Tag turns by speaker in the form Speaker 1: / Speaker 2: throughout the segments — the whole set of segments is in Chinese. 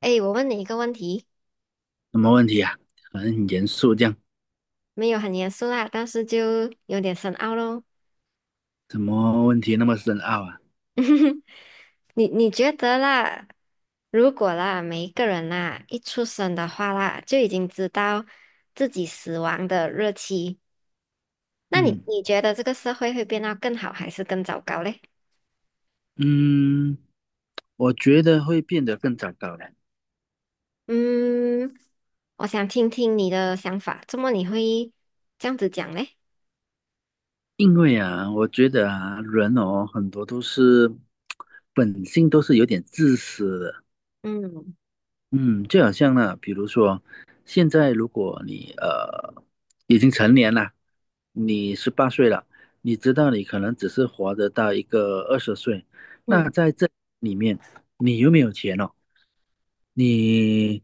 Speaker 1: 哎，我问你一个问题，
Speaker 2: 什么问题啊？很严肃这样，
Speaker 1: 没有很严肃啦，但是就有点深奥咯。
Speaker 2: 什么问题那么深奥啊？
Speaker 1: 你觉得啦，如果啦，每一个人啦，一出生的话啦，就已经知道自己死亡的日期，那你
Speaker 2: 嗯
Speaker 1: 你觉得这个社会会变得更好还是更糟糕嘞？
Speaker 2: 嗯，我觉得会变得更糟糕的，
Speaker 1: 嗯，我想听听你的想法，怎么你会这样子讲嘞？
Speaker 2: 因为啊，我觉得啊，人哦，很多都是 本性都是有点自私的，
Speaker 1: 嗯
Speaker 2: 嗯，就好像呢，比如说，现在如果你已经成年了，你十八岁了，你知道你可能只是活得到一个二十岁，那
Speaker 1: 嗯。
Speaker 2: 在这里面，你有没有钱了？你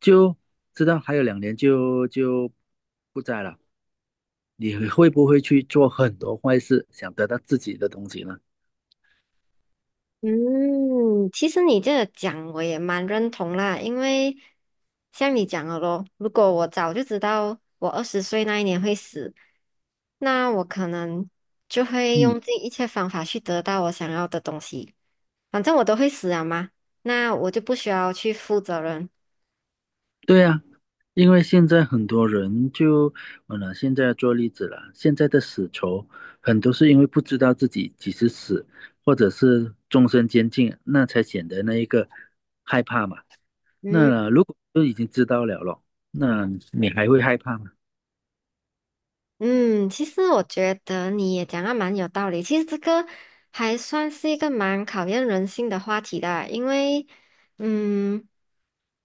Speaker 2: 就知道还有两年就不在了，你会不会去做很多坏事，想得到自己的东西呢？
Speaker 1: 嗯，其实你这个讲我也蛮认同啦，因为像你讲的咯，如果我早就知道我二十岁那一年会死，那我可能就会
Speaker 2: 嗯。
Speaker 1: 用尽一切方法去得到我想要的东西。反正我都会死了嘛，那我就不需要去负责任。
Speaker 2: 对呀，因为现在很多人就，拿现在做例子了，现在的死囚很多是因为不知道自己几时死，或者是终身监禁，那才显得那一个害怕嘛。
Speaker 1: 嗯，
Speaker 2: 那如果都已经知道了咯，那你还会害怕吗？
Speaker 1: 嗯，其实我觉得你也讲的蛮有道理。其实这个还算是一个蛮考验人性的话题的啊，因为，嗯，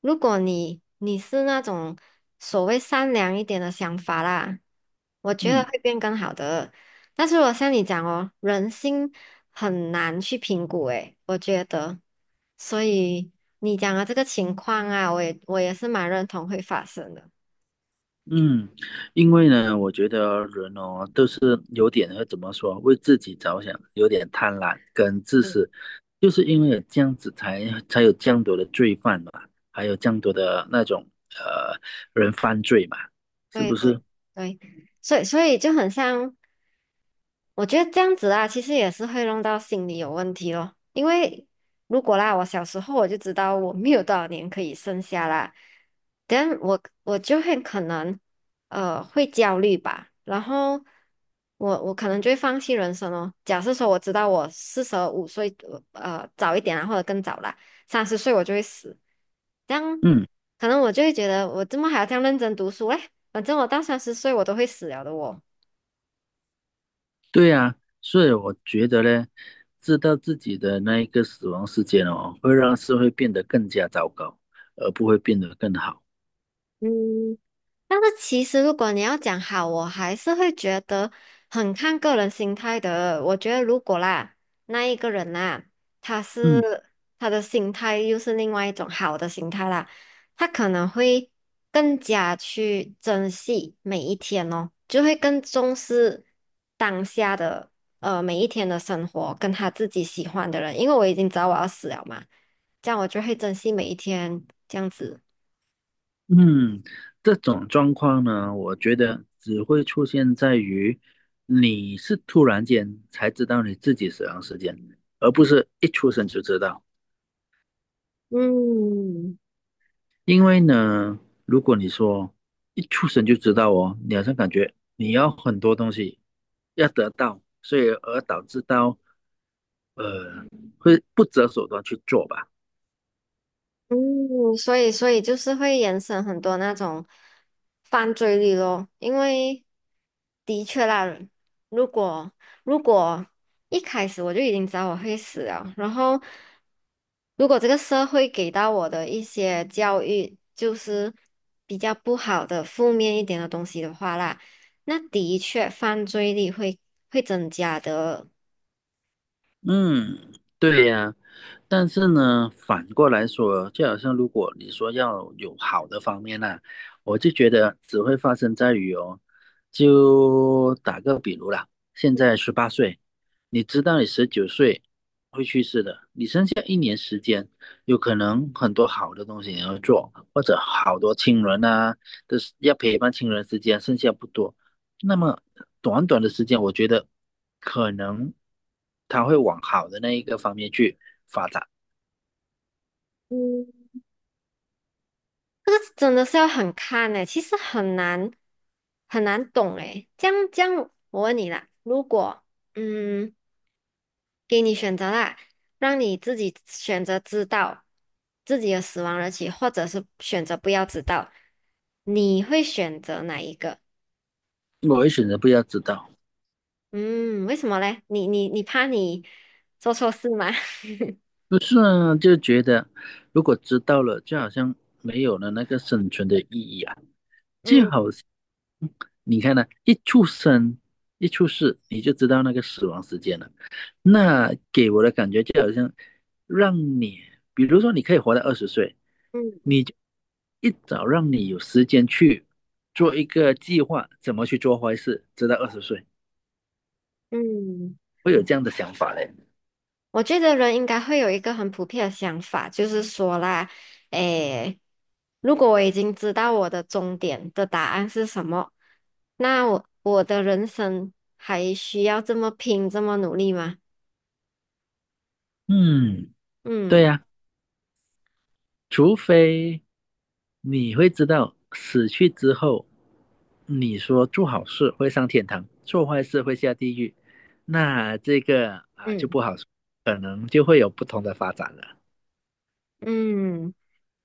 Speaker 1: 如果你是那种所谓善良一点的想法啦，我觉得
Speaker 2: 嗯。
Speaker 1: 会变更好的。但是我像你讲哦，人心很难去评估，诶，我觉得，所以你讲的这个情况啊，我也是蛮认同会发生的。
Speaker 2: 嗯，因为呢，我觉得人哦，都是有点会怎么说，为自己着想，有点贪婪跟自私，就是因为有这样子才有这样多的罪犯嘛，还有这样多的那种呃人犯罪嘛，是
Speaker 1: 对
Speaker 2: 不是？
Speaker 1: 对对，所以就很像，我觉得这样子啊，其实也是会弄到心理有问题咯。因为如果啦，我小时候我就知道我没有多少年可以剩下啦，但我就会可能会焦虑吧，然后我可能就会放弃人生哦。假设说我知道我45岁早一点啊，或者更早啦，三十岁我就会死，这样
Speaker 2: 嗯，
Speaker 1: 可能我就会觉得我怎么还要这样认真读书嘞？反正我到三十岁我都会死了的我。
Speaker 2: 对呀，所以我觉得呢，知道自己的那一个死亡时间哦，会让社会变得更加糟糕，而不会变得更好。
Speaker 1: 嗯，但是其实如果你要讲好，我还是会觉得很看个人心态的。我觉得如果啦，那一个人啦，他
Speaker 2: 嗯。
Speaker 1: 是他的心态又是另外一种好的心态啦，他可能会更加去珍惜每一天哦，就会更重视当下的每一天的生活，跟他自己喜欢的人。因为我已经知道我要死了嘛，这样我就会珍惜每一天，这样子。
Speaker 2: 嗯，这种状况呢，我觉得只会出现在于你是突然间才知道你自己死亡时间，而不是一出生就知道。
Speaker 1: 嗯。
Speaker 2: 因为呢，如果你说一出生就知道哦，你好像感觉你要很多东西要得到，所以而导致到呃会不择手段去做吧。
Speaker 1: 嗯，所以就是会延伸很多那种犯罪率咯，因为的确啦，如果如果一开始我就已经知道我会死了，然后如果这个社会给到我的一些教育就是比较不好的、负面一点的东西的话啦，那的确犯罪率会增加的。
Speaker 2: 嗯，对呀。但是呢，反过来说，就好像如果你说要有好的方面呢、我就觉得只会发生在于哦，就打个比如啦，现在十八岁，你知道你19岁会去世的，你有可能很多好的东西你要做，或者好多亲人啊，都是要陪伴亲人时间剩下不多，那么短短的时间，我觉得可能他会往好的那一个方面去，
Speaker 1: 嗯。这个真的是要很看诶，其实很难懂诶。这样这样，我问你啦，如果嗯给你选择啦，让你自己选择知道自己的死亡日期，或者是选择不要知道，你会选择哪一个？
Speaker 2: 我会选择不要知道。
Speaker 1: 嗯，为什么嘞？你怕你做错事吗？
Speaker 2: 不是啊，就觉得如果知道了，就好像没有了那个生存的意义啊，就
Speaker 1: 嗯
Speaker 2: 好像你看呢、一出生一出世你就知道那个死亡时间了，那给我的感觉就好像让你，比如说你可以活到二十岁，
Speaker 1: 嗯
Speaker 2: 你就一早让你有时间去做一个计划，怎么去做坏事，直到二十岁，
Speaker 1: 嗯。
Speaker 2: 会有这样的想法嘞。
Speaker 1: 我觉得人应该会有一个很普遍的想法，就是说啦，诶，如果我已经知道我的终点的答案是什么，那我的人生还需要这么拼，这么努力吗？
Speaker 2: 嗯，对
Speaker 1: 嗯
Speaker 2: 呀、除非你会知道死去之后，你说做好事会上天堂，做坏事会下地狱，那这个啊就
Speaker 1: 嗯
Speaker 2: 不好说，可能就会有不同的发展了。
Speaker 1: 嗯。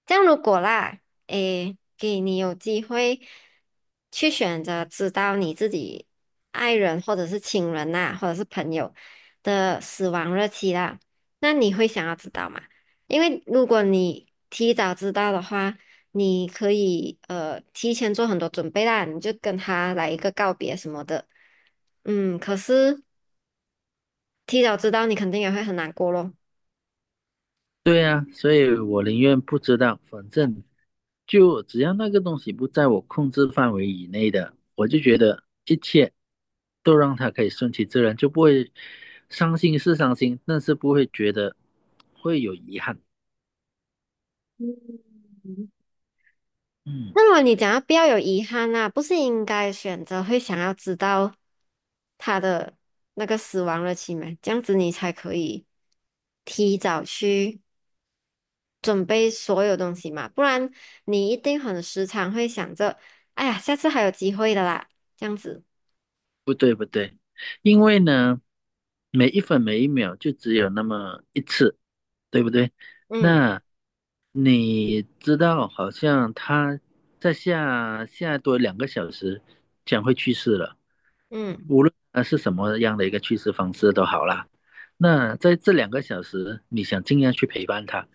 Speaker 1: 这样如果啦，诶，给你有机会去选择知道你自己爱人或者是亲人呐、或者是朋友的死亡日期啦，那你会想要知道吗？因为如果你提早知道的话，你可以提前做很多准备啦，你就跟他来一个告别什么的。嗯，可是提早知道你肯定也会很难过咯。
Speaker 2: 对啊，所以我宁愿不知道，反正就只要那个东西不在我控制范围以内的，我就觉得一切都让它可以顺其自然，就不会伤心是伤心，但是不会觉得会有遗憾。嗯。
Speaker 1: 那么你讲要不要有遗憾啊？不是应该选择会想要知道他的那个死亡日期吗？这样子你才可以提早去准备所有东西嘛，不然你一定很时常会想着，哎呀，下次还有机会的啦，这样子。
Speaker 2: 不对不对，因为呢，每一分每一秒就只有那么一次，对不对？
Speaker 1: 嗯
Speaker 2: 那你知道，好像他在下多两个小时将会去世了，
Speaker 1: 嗯
Speaker 2: 无论他是什么样的一个去世方式都好啦。那在这两个小时，你想尽量去陪伴他，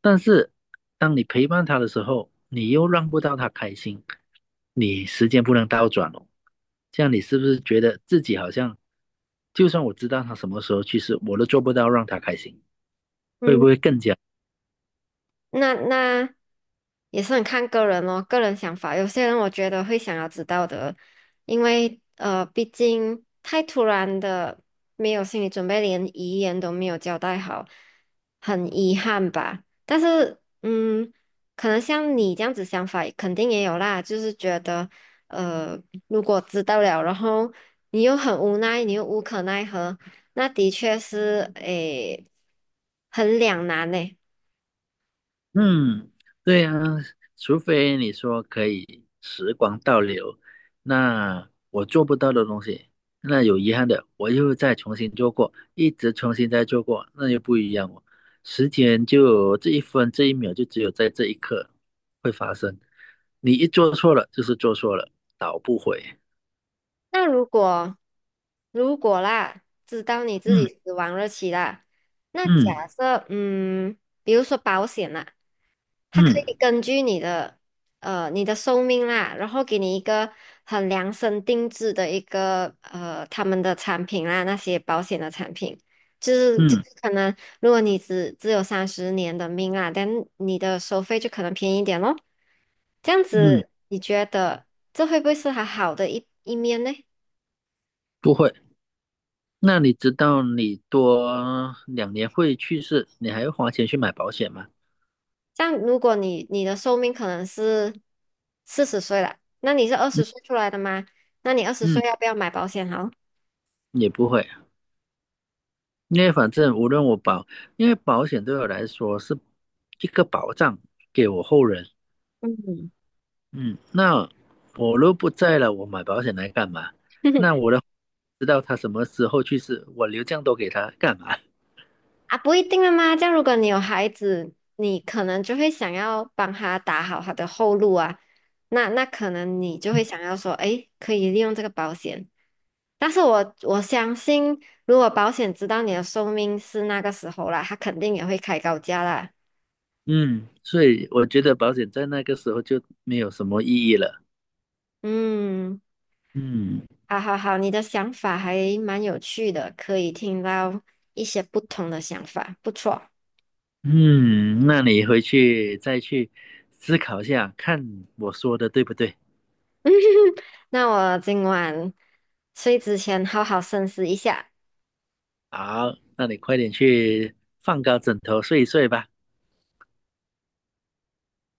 Speaker 2: 但是当你陪伴他的时候，你又让不到他开心，你时间不能倒转哦。这样你是不是觉得自己好像，就算我知道他什么时候去世，我都做不到让他开心？
Speaker 1: 嗯。那也是很看个人哦，个人想法。有些人我觉得会想要知道的，因为毕竟太突然的，没有心理准备，连遗言都没有交代好，很遗憾吧。但是，嗯，可能像你这样子想法，肯定也有啦，就是觉得，呃，如果知道了，然后你又很无奈，你又无可奈何，那的确是，诶，很两难呢。
Speaker 2: 嗯，对呀，除非你说可以时光倒流，那我做不到的东西，那有遗憾的，我又再重新做过，一直重新再做过，那又不一样哦。时间就这一分这一秒，就只有在这一刻会发生。你一做错了，就是做错了，倒不回。
Speaker 1: 那如果啦，知道你自
Speaker 2: 嗯
Speaker 1: 己死亡日期啦，那
Speaker 2: 嗯。
Speaker 1: 假设嗯，比如说保险啦，它可以
Speaker 2: 嗯
Speaker 1: 根据你的你的寿命啦，然后给你一个很量身定制的一个他们的产品啦，那些保险的产品，就是就
Speaker 2: 嗯
Speaker 1: 是可能如果你只有30年的命啊，但你的收费就可能便宜一点咯。这样
Speaker 2: 嗯，
Speaker 1: 子，你觉得这会不会是它好的一面呢？
Speaker 2: 不会。那你知道你多两年会去世，你还要花钱去买保险吗？
Speaker 1: 这样，如果你的寿命可能是40岁了，那你是二十
Speaker 2: 嗯
Speaker 1: 岁出来的吗？那你二十岁
Speaker 2: 嗯，
Speaker 1: 要不要买保险好？
Speaker 2: 也不会，因为反正无论我保，因为保险对我来说是一个保障，给我后人。
Speaker 1: 嗯，
Speaker 2: 嗯，那我若不在了，我买保险来干嘛？那我 的知道他什么时候去世，我留这样多给他干嘛？
Speaker 1: 啊，不一定了吗？这样，如果你有孩子，你可能就会想要帮他打好他的后路啊。那可能你就会想要说，诶，可以利用这个保险。但是我相信，如果保险知道你的寿命是那个时候啦，他肯定也会开高价啦。
Speaker 2: 嗯，所以我觉得保险在那个时候就没有什么意义了。
Speaker 1: 嗯。
Speaker 2: 嗯。
Speaker 1: 好好好，你的想法还蛮有趣的，可以听到一些不同的想法，不错。
Speaker 2: 嗯，那你回去再去思考一下，看我说的对不对。
Speaker 1: 那我今晚睡之前好好深思一下。
Speaker 2: 好，那你快点去放高枕头睡一睡吧。